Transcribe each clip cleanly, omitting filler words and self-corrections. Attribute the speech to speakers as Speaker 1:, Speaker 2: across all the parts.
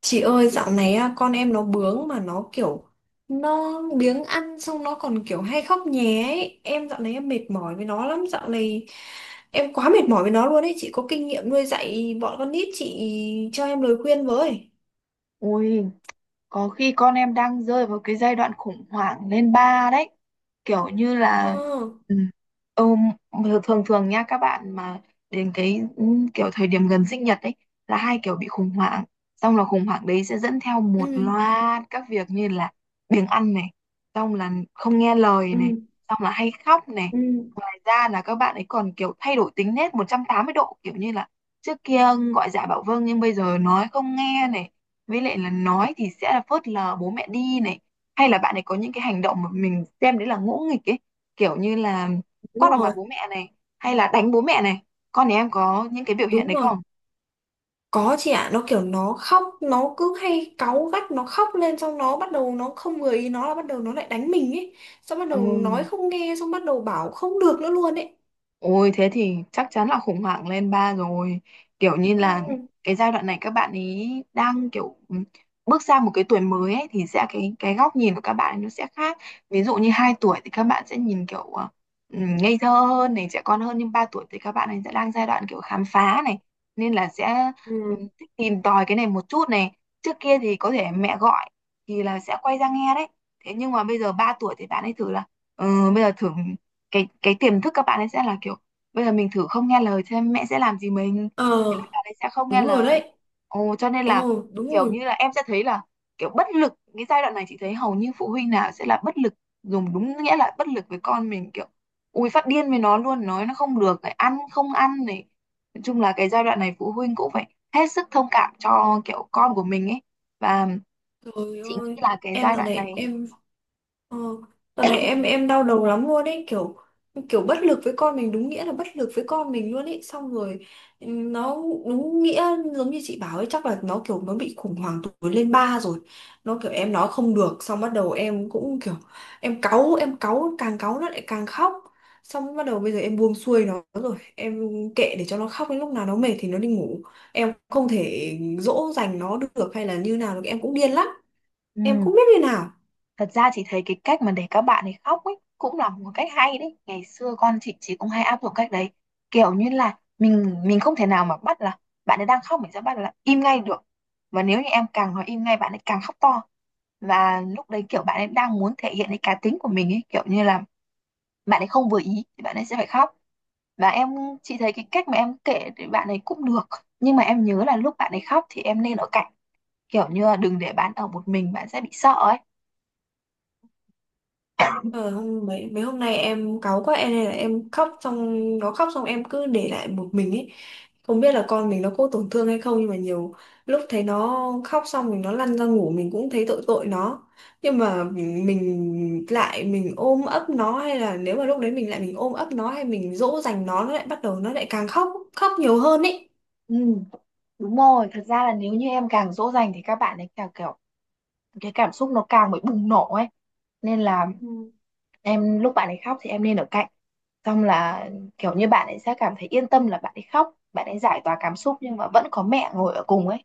Speaker 1: Chị ơi, dạo này á, con em nó bướng mà nó kiểu nó biếng ăn, xong nó còn kiểu hay khóc nhé ấy. Em dạo này em mệt mỏi với nó lắm, dạo này em quá mệt mỏi với nó luôn ấy. Chị có kinh nghiệm nuôi dạy bọn con nít, chị cho em lời khuyên với.
Speaker 2: Ui, có khi con em đang rơi vào cái giai đoạn khủng hoảng lên ba đấy. Kiểu như
Speaker 1: Ờ.
Speaker 2: là ừ, thường thường nha các bạn mà đến kiểu thời điểm gần sinh nhật ấy là hai kiểu bị khủng hoảng. Xong là khủng hoảng đấy sẽ dẫn theo
Speaker 1: Ừ.
Speaker 2: một loạt các việc như là biếng ăn này, xong là không nghe lời này,
Speaker 1: Ừ.
Speaker 2: xong là hay khóc này,
Speaker 1: Ừ.
Speaker 2: ra là các bạn ấy còn kiểu thay đổi tính nết 180 độ, kiểu như là trước kia gọi dạ bảo vâng nhưng bây giờ nói không nghe này, với lại là nói thì sẽ là phớt lờ bố mẹ đi này, hay là bạn ấy có những cái hành động mà mình xem đấy là ngỗ nghịch ấy, kiểu như là
Speaker 1: Đúng
Speaker 2: quát vào mặt
Speaker 1: rồi.
Speaker 2: bố mẹ này, hay là đánh bố mẹ này, con nhà em có những cái biểu hiện
Speaker 1: Đúng
Speaker 2: đấy
Speaker 1: rồi.
Speaker 2: không?
Speaker 1: Có, chị ạ. Nó kiểu nó khóc, nó cứ hay cáu gắt, nó khóc lên xong nó bắt đầu, nó không vừa ý nó là bắt đầu nó lại đánh mình ấy. Xong bắt
Speaker 2: Ừ.
Speaker 1: đầu nói không nghe, xong bắt đầu bảo không được nữa luôn ấy.
Speaker 2: Ôi thế thì chắc chắn là khủng hoảng lên ba rồi. Kiểu như
Speaker 1: Ừ.
Speaker 2: là cái giai đoạn này các bạn ấy đang kiểu bước sang một cái tuổi mới ấy, thì sẽ cái góc nhìn của các bạn ấy nó sẽ khác. Ví dụ như 2 tuổi thì các bạn sẽ nhìn kiểu ngây thơ hơn này, trẻ con hơn, nhưng 3 tuổi thì các bạn ấy sẽ đang giai đoạn kiểu khám phá này, nên là sẽ ừ,
Speaker 1: Ừ.
Speaker 2: thích tìm tòi cái này một chút này. Trước kia thì có thể mẹ gọi thì là sẽ quay ra nghe đấy. Thế nhưng mà bây giờ 3 tuổi thì bạn ấy thử là bây giờ thử cái tiềm thức các bạn ấy sẽ là kiểu bây giờ mình thử không nghe lời xem mẹ sẽ làm gì mình, thế là
Speaker 1: Ờ,
Speaker 2: bạn ấy sẽ không nghe
Speaker 1: đúng rồi
Speaker 2: lời.
Speaker 1: đấy.
Speaker 2: Ồ cho nên
Speaker 1: Ờ,
Speaker 2: là
Speaker 1: đúng
Speaker 2: kiểu
Speaker 1: rồi.
Speaker 2: như là em sẽ thấy là kiểu bất lực, cái giai đoạn này chị thấy hầu như phụ huynh nào sẽ là bất lực, dùng đúng nghĩa là bất lực với con mình, kiểu ui phát điên với nó luôn, nói nó không được này, ăn không ăn này, nói chung là cái giai đoạn này phụ huynh cũng phải hết sức thông cảm cho kiểu con của mình ấy. Và
Speaker 1: Trời
Speaker 2: chị nghĩ
Speaker 1: ơi!
Speaker 2: là cái
Speaker 1: Em
Speaker 2: giai
Speaker 1: dạo
Speaker 2: đoạn
Speaker 1: này
Speaker 2: này
Speaker 1: em Ờ, đợt này em đau đầu lắm luôn ấy, kiểu kiểu bất lực với con mình, đúng nghĩa là bất lực với con mình luôn ấy, xong rồi nó đúng nghĩa, giống như chị bảo ấy, chắc là nó kiểu nó bị khủng hoảng tuổi lên ba rồi. Nó kiểu em nói không được, xong bắt đầu em cũng kiểu em cáu, em cáu càng cáu nó lại càng khóc. Xong bắt đầu bây giờ em buông xuôi nó rồi, em kệ để cho nó khóc đến lúc nào nó mệt thì nó đi ngủ, em không thể dỗ dành nó được hay là như nào được, em cũng điên lắm, em
Speaker 2: ừ,
Speaker 1: không biết như nào.
Speaker 2: thật ra chị thấy cái cách mà để các bạn ấy khóc ấy cũng là một cách hay đấy. Ngày xưa con chị cũng hay áp dụng cách đấy. Kiểu như là mình không thể nào mà bắt là bạn ấy đang khóc mình sẽ bắt là im ngay được. Và nếu như em càng nói im ngay bạn ấy càng khóc to. Và lúc đấy kiểu bạn ấy đang muốn thể hiện cái cá tính của mình ấy, kiểu như là bạn ấy không vừa ý thì bạn ấy sẽ phải khóc. Và chị thấy cái cách mà em kể thì bạn ấy cũng được. Nhưng mà em nhớ là lúc bạn ấy khóc thì em nên ở cạnh, kiểu như là đừng để bạn ở một mình, bạn sẽ bị sợ ấy.
Speaker 1: Ờ, hôm mấy mấy hôm nay em cáu quá, em nên là em khóc xong nó khóc xong em cứ để lại một mình ấy, không biết là con mình nó có tổn thương hay không. Nhưng mà nhiều lúc thấy nó khóc xong, mình nó lăn ra ngủ, mình cũng thấy tội tội nó. Nhưng mà mình lại mình ôm ấp nó, hay là nếu mà lúc đấy mình lại mình ôm ấp nó hay mình dỗ dành nó lại bắt đầu nó lại càng khóc, khóc nhiều hơn ấy.
Speaker 2: Ừ, đúng rồi, thật ra là nếu như em càng dỗ dành thì các bạn ấy càng kiểu cái cảm xúc nó càng bị bùng nổ ấy. Nên là
Speaker 1: Ừ.
Speaker 2: em lúc bạn ấy khóc thì em nên ở cạnh. Xong là kiểu như bạn ấy sẽ cảm thấy yên tâm là bạn ấy khóc, bạn ấy giải tỏa cảm xúc nhưng mà vẫn có mẹ ngồi ở cùng ấy.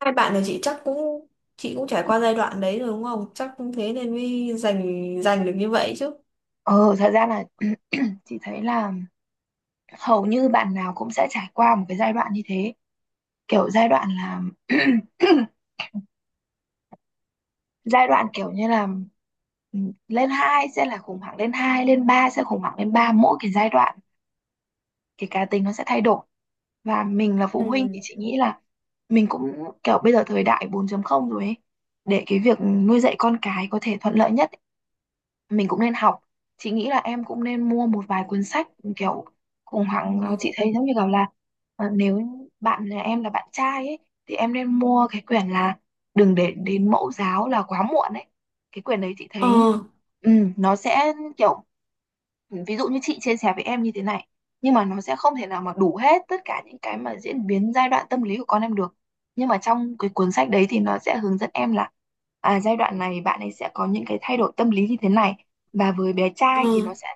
Speaker 1: Hai bạn là chị chắc cũng, chị cũng trải qua giai đoạn đấy rồi đúng không? Chắc cũng thế nên mới dành dành được như vậy chứ.
Speaker 2: Ờ, thật ra là chị thấy là hầu như bạn nào cũng sẽ trải qua một cái giai đoạn như thế. Kiểu giai đoạn là giai đoạn kiểu như là ừ, lên 2 sẽ là khủng hoảng lên 2, lên 3 sẽ khủng hoảng lên ba, mỗi cái giai đoạn cái cá tính nó sẽ thay đổi, và mình là phụ huynh thì chị nghĩ là mình cũng kiểu bây giờ thời đại 4.0 rồi ấy, để cái việc nuôi dạy con cái có thể thuận lợi nhất mình cũng nên học. Chị nghĩ là em cũng nên mua một vài cuốn sách kiểu khủng hoảng. Ờ, chị
Speaker 1: Ừ.
Speaker 2: thấy giống như kiểu là nếu bạn là em là bạn trai ấy thì em nên mua cái quyển là đừng để đến mẫu giáo là quá muộn ấy. Cái quyển đấy chị
Speaker 1: Ờ,
Speaker 2: thấy ừ, nó sẽ kiểu ví dụ như chị chia sẻ với em như thế này nhưng mà nó sẽ không thể nào mà đủ hết tất cả những cái mà diễn biến giai đoạn tâm lý của con em được, nhưng mà trong cái cuốn sách đấy thì nó sẽ hướng dẫn em là à, giai đoạn này bạn ấy sẽ có những cái thay đổi tâm lý như thế này, và với bé
Speaker 1: ờ,
Speaker 2: trai thì nó sẽ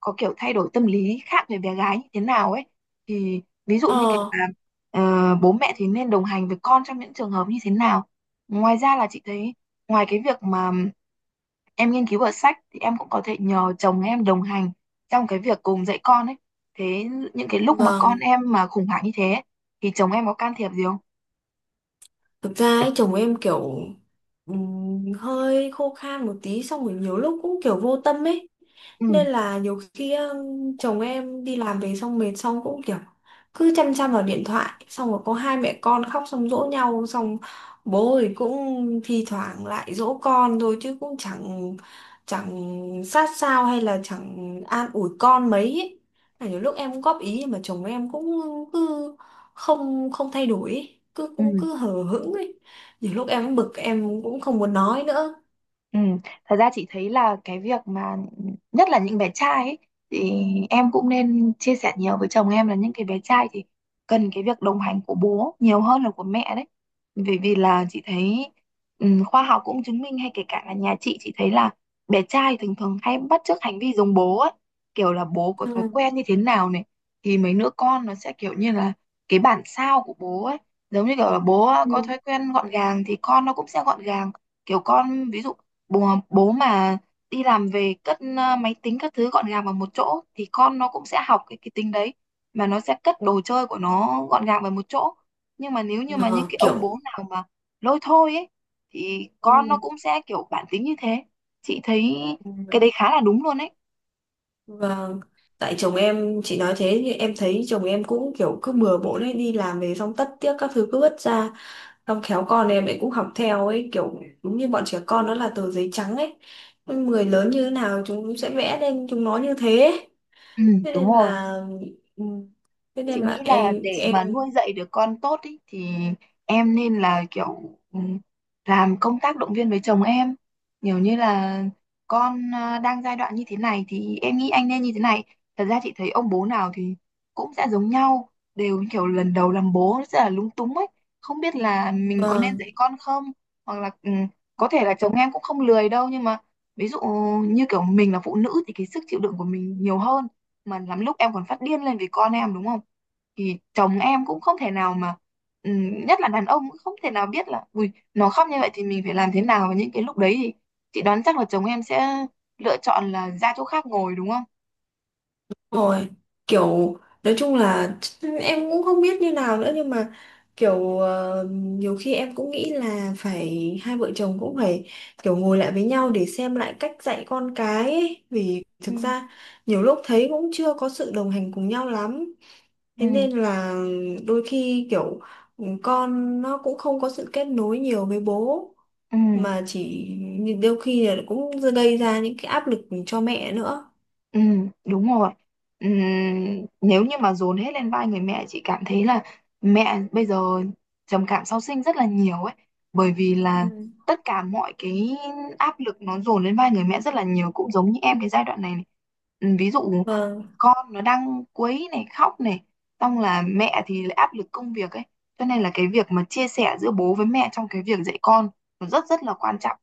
Speaker 2: có kiểu thay đổi tâm lý khác với bé gái như thế nào ấy, thì ví dụ như kiểu
Speaker 1: ờ,
Speaker 2: là bố mẹ thì nên đồng hành với con trong những trường hợp như thế nào. Ngoài ra là chị thấy ngoài cái việc mà em nghiên cứu ở sách thì em cũng có thể nhờ chồng em đồng hành trong cái việc cùng dạy con ấy. Thế những cái lúc mà con
Speaker 1: vâng.
Speaker 2: em mà khủng hoảng như thế ấy, thì chồng em có can thiệp gì không?
Speaker 1: Thực ra ấy, chồng em kiểu hơi khô khan một tí, xong rồi nhiều lúc cũng kiểu vô tâm ấy.
Speaker 2: Ừ,
Speaker 1: Nên là nhiều khi chồng em đi làm về xong mệt xong cũng kiểu cứ chăm chăm vào điện thoại. Xong rồi có hai mẹ con khóc, xong dỗ nhau xong bố thì cũng thi thoảng lại dỗ con thôi chứ cũng chẳng chẳng sát sao hay là chẳng an ủi con mấy ấy. Là nhiều lúc em cũng góp ý nhưng mà chồng em cũng cứ không không thay đổi ấy. cứ
Speaker 2: ừ.
Speaker 1: cũng cứ hờ hững ấy, nhiều lúc em bực em cũng không muốn nói nữa.
Speaker 2: Ừ, thật ra chị thấy là cái việc mà nhất là những bé trai ấy, thì em cũng nên chia sẻ nhiều với chồng em là những cái bé trai thì cần cái việc đồng hành của bố nhiều hơn là của mẹ đấy. Bởi vì là chị thấy khoa học cũng chứng minh hay kể cả là nhà chị thấy là bé trai thường thường hay bắt chước hành vi giống bố ấy, kiểu là bố có thói
Speaker 1: Ừ.
Speaker 2: quen như thế nào này thì mấy đứa con nó sẽ kiểu như là cái bản sao của bố ấy, giống như kiểu là bố
Speaker 1: Ừ.
Speaker 2: có thói quen gọn gàng thì con nó cũng sẽ gọn gàng. Kiểu con ví dụ bố mà đi làm về cất máy tính các thứ gọn gàng vào một chỗ thì con nó cũng sẽ học cái tính đấy, mà nó sẽ cất đồ chơi của nó gọn gàng vào một chỗ. Nhưng mà nếu như mà những
Speaker 1: Ờ,
Speaker 2: cái ông
Speaker 1: kiểu.
Speaker 2: bố nào mà lôi thôi ấy thì con nó
Speaker 1: Ừ.
Speaker 2: cũng sẽ kiểu bản tính như thế. Chị thấy cái
Speaker 1: Ừ.
Speaker 2: đấy khá là đúng luôn ấy.
Speaker 1: Và tại chồng em, chị nói thế thì em thấy chồng em cũng kiểu cứ bừa bộn ấy, đi làm về xong tất tiếc các thứ cứ vứt ra. Xong khéo con em ấy cũng học theo ấy, kiểu đúng như bọn trẻ con nó là tờ giấy trắng ấy, người lớn như thế nào chúng sẽ vẽ lên chúng nó như thế ấy.
Speaker 2: ừ,
Speaker 1: Thế
Speaker 2: Đúng
Speaker 1: nên
Speaker 2: rồi,
Speaker 1: là, ừ, thế
Speaker 2: chị
Speaker 1: nên
Speaker 2: nghĩ
Speaker 1: là
Speaker 2: là
Speaker 1: em
Speaker 2: để mà
Speaker 1: em
Speaker 2: nuôi dạy được con tốt ý, thì em nên là kiểu làm công tác động viên với chồng em nhiều, như là con à, đang giai đoạn như thế này thì em nghĩ anh nên như thế này. Thật ra chị thấy ông bố nào thì cũng sẽ giống nhau, đều kiểu lần đầu làm bố rất là lúng túng ấy, không biết là mình có nên
Speaker 1: ờ,
Speaker 2: dạy con không, hoặc là có thể là chồng em cũng không lười đâu nhưng mà ví dụ như kiểu mình là phụ nữ thì cái sức chịu đựng của mình nhiều hơn, mà lắm lúc em còn phát điên lên vì con em đúng không, thì chồng em cũng không thể nào mà nhất là đàn ông cũng không thể nào biết là ui nó khóc như vậy thì mình phải làm thế nào, và những cái lúc đấy thì chị đoán chắc là chồng em sẽ lựa chọn là ra chỗ khác ngồi đúng không?
Speaker 1: rồi, kiểu nói chung là em cũng không biết như nào nữa, nhưng mà kiểu nhiều khi em cũng nghĩ là phải hai vợ chồng cũng phải kiểu ngồi lại với nhau để xem lại cách dạy con cái ấy. Vì
Speaker 2: Ừ.
Speaker 1: thực ra nhiều lúc thấy cũng chưa có sự đồng hành cùng nhau lắm, thế
Speaker 2: Ừ,
Speaker 1: nên là đôi khi kiểu con nó cũng không có sự kết nối nhiều với bố,
Speaker 2: ừ,
Speaker 1: mà chỉ đôi khi là cũng gây ra những cái áp lực cho mẹ nữa.
Speaker 2: ừ, đúng rồi. Nếu như mà dồn hết lên vai người mẹ, chị cảm thấy là mẹ bây giờ trầm cảm sau sinh rất là nhiều ấy, bởi vì
Speaker 1: Ừ.
Speaker 2: là tất cả mọi cái áp lực nó dồn lên vai người mẹ rất là nhiều, cũng giống như em cái giai đoạn này. Ví dụ
Speaker 1: Vâng,
Speaker 2: con nó đang quấy này, khóc này, xong là mẹ thì lại áp lực công việc ấy, cho nên là cái việc mà chia sẻ giữa bố với mẹ trong cái việc dạy con nó rất rất là quan trọng.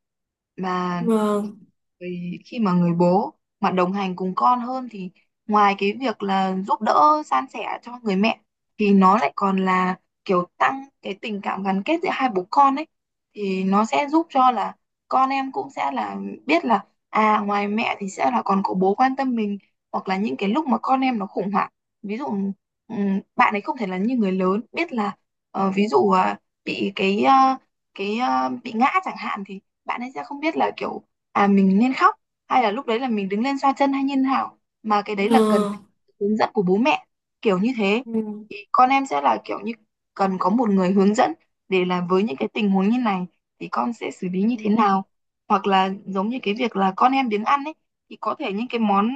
Speaker 2: Mà
Speaker 1: vâng.
Speaker 2: vì khi mà người bố mà đồng hành cùng con hơn thì ngoài cái việc là giúp đỡ san sẻ cho người mẹ thì nó lại còn là kiểu tăng cái tình cảm gắn kết giữa hai bố con ấy, thì nó sẽ giúp cho là con em cũng sẽ là biết là à, ngoài mẹ thì sẽ là còn có bố quan tâm mình. Hoặc là những cái lúc mà con em nó khủng hoảng, ví dụ bạn ấy không thể là như người lớn biết là ví dụ à, bị bị ngã chẳng hạn thì bạn ấy sẽ không biết là kiểu à mình nên khóc hay là lúc đấy là mình đứng lên xoa chân hay như thế nào, mà cái đấy là cần
Speaker 1: Ờ,
Speaker 2: phải có sự hướng dẫn của bố mẹ kiểu như thế,
Speaker 1: ừ,
Speaker 2: thì con em sẽ là kiểu như cần có một người hướng dẫn để là với những cái tình huống như này thì con sẽ xử lý như
Speaker 1: ừ,
Speaker 2: thế nào. Hoặc là giống như cái việc là con em biếng ăn ấy thì có thể những cái món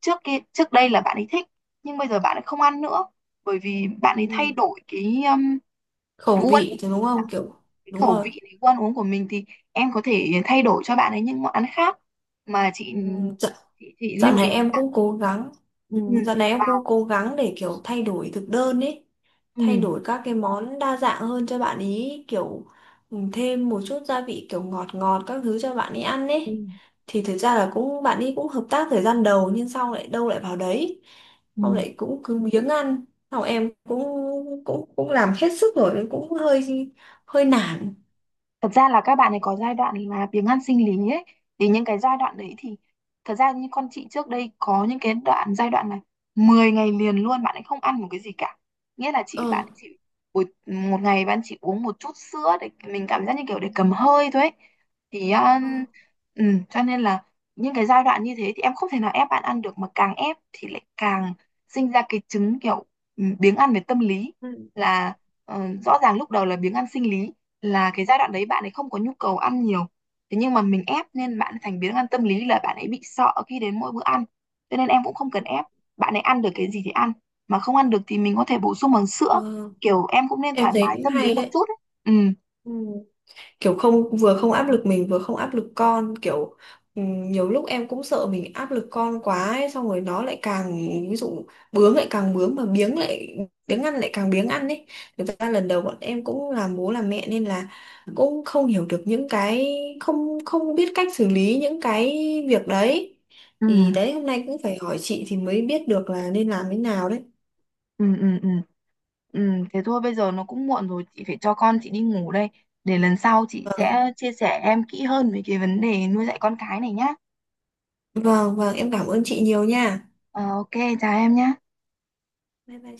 Speaker 2: trước kia trước đây là bạn ấy thích nhưng bây giờ bạn ấy không ăn nữa, bởi vì bạn ấy
Speaker 1: ừ,
Speaker 2: thay đổi cái
Speaker 1: khẩu
Speaker 2: phú ăn
Speaker 1: vị
Speaker 2: uống,
Speaker 1: thì đúng không, kiểu.
Speaker 2: cái
Speaker 1: Đúng
Speaker 2: khẩu
Speaker 1: rồi.
Speaker 2: vị, cái gu ăn uống của mình, thì em có thể thay đổi cho bạn ấy những món ăn khác, mà
Speaker 1: Ừ, dạo,
Speaker 2: chị,
Speaker 1: dạo
Speaker 2: lưu ý
Speaker 1: này em
Speaker 2: là,
Speaker 1: cũng cố gắng. Ừ,
Speaker 2: ừ,
Speaker 1: dạo này em cũng
Speaker 2: vào
Speaker 1: cố gắng để kiểu thay đổi thực đơn ấy, thay
Speaker 2: ừ,
Speaker 1: đổi các cái món đa dạng hơn cho bạn ý, kiểu ừ, thêm một chút gia vị kiểu ngọt ngọt các thứ cho bạn ấy ăn
Speaker 2: ừ.
Speaker 1: ấy. Thì thực ra là cũng bạn ấy cũng hợp tác thời gian đầu nhưng sau lại đâu lại vào đấy,
Speaker 2: ừ.
Speaker 1: xong lại cũng cứ biếng ăn, sau em cũng cũng cũng làm hết sức rồi, cũng hơi hơi nản.
Speaker 2: thật ra là các bạn ấy có giai đoạn là biếng ăn sinh lý ấy, thì những cái giai đoạn đấy thì thật ra như con chị trước đây có những cái giai đoạn là 10 ngày liền luôn bạn ấy không ăn một cái gì cả, nghĩa là
Speaker 1: Ờ.
Speaker 2: chị bạn ấy chỉ buổi một ngày bạn chỉ uống một chút sữa để mình cảm giác như kiểu để cầm hơi thôi ấy. Thì
Speaker 1: Ờ,
Speaker 2: ừ, cho nên là những cái giai đoạn như thế thì em không thể nào ép bạn ăn được, mà càng ép thì lại càng sinh ra cái chứng kiểu biếng ăn về tâm lý,
Speaker 1: ừ,
Speaker 2: là rõ ràng lúc đầu là biếng ăn sinh lý, là cái giai đoạn đấy bạn ấy không có nhu cầu ăn nhiều, thế nhưng mà mình ép nên bạn ấy thành biến ăn tâm lý, là bạn ấy bị sợ khi đến mỗi bữa ăn, cho nên em cũng không cần
Speaker 1: ừ,
Speaker 2: ép, bạn ấy ăn được cái gì thì ăn, mà không ăn được thì mình có thể bổ sung bằng
Speaker 1: ờ,
Speaker 2: sữa, kiểu em cũng nên
Speaker 1: em
Speaker 2: thoải
Speaker 1: thấy
Speaker 2: mái
Speaker 1: cũng
Speaker 2: tâm lý
Speaker 1: hay
Speaker 2: một
Speaker 1: đấy.
Speaker 2: chút ấy. ừ
Speaker 1: Ừ, kiểu không, vừa không áp lực mình vừa không áp lực con, kiểu nhiều lúc em cũng sợ mình áp lực con quá ấy, xong rồi nó lại càng, ví dụ bướng lại càng bướng mà biếng ăn lại càng biếng ăn ấy. Thực ra lần đầu bọn em cũng làm bố làm mẹ nên là cũng không hiểu được những cái, không không biết cách xử lý những cái việc đấy.
Speaker 2: Ừ,
Speaker 1: Thì đấy hôm nay cũng phải hỏi chị thì mới biết được là nên làm thế nào đấy.
Speaker 2: ừ, ừ, ừ. ừ. Thế thôi bây giờ nó cũng muộn rồi, chị phải cho con chị đi ngủ đây, để lần sau chị sẽ chia sẻ em kỹ hơn về cái vấn đề nuôi dạy con cái này nhá.
Speaker 1: Vâng, vâng, em cảm ơn chị nhiều nha.
Speaker 2: Ờ, ok, chào em nhá.
Speaker 1: Bye bye.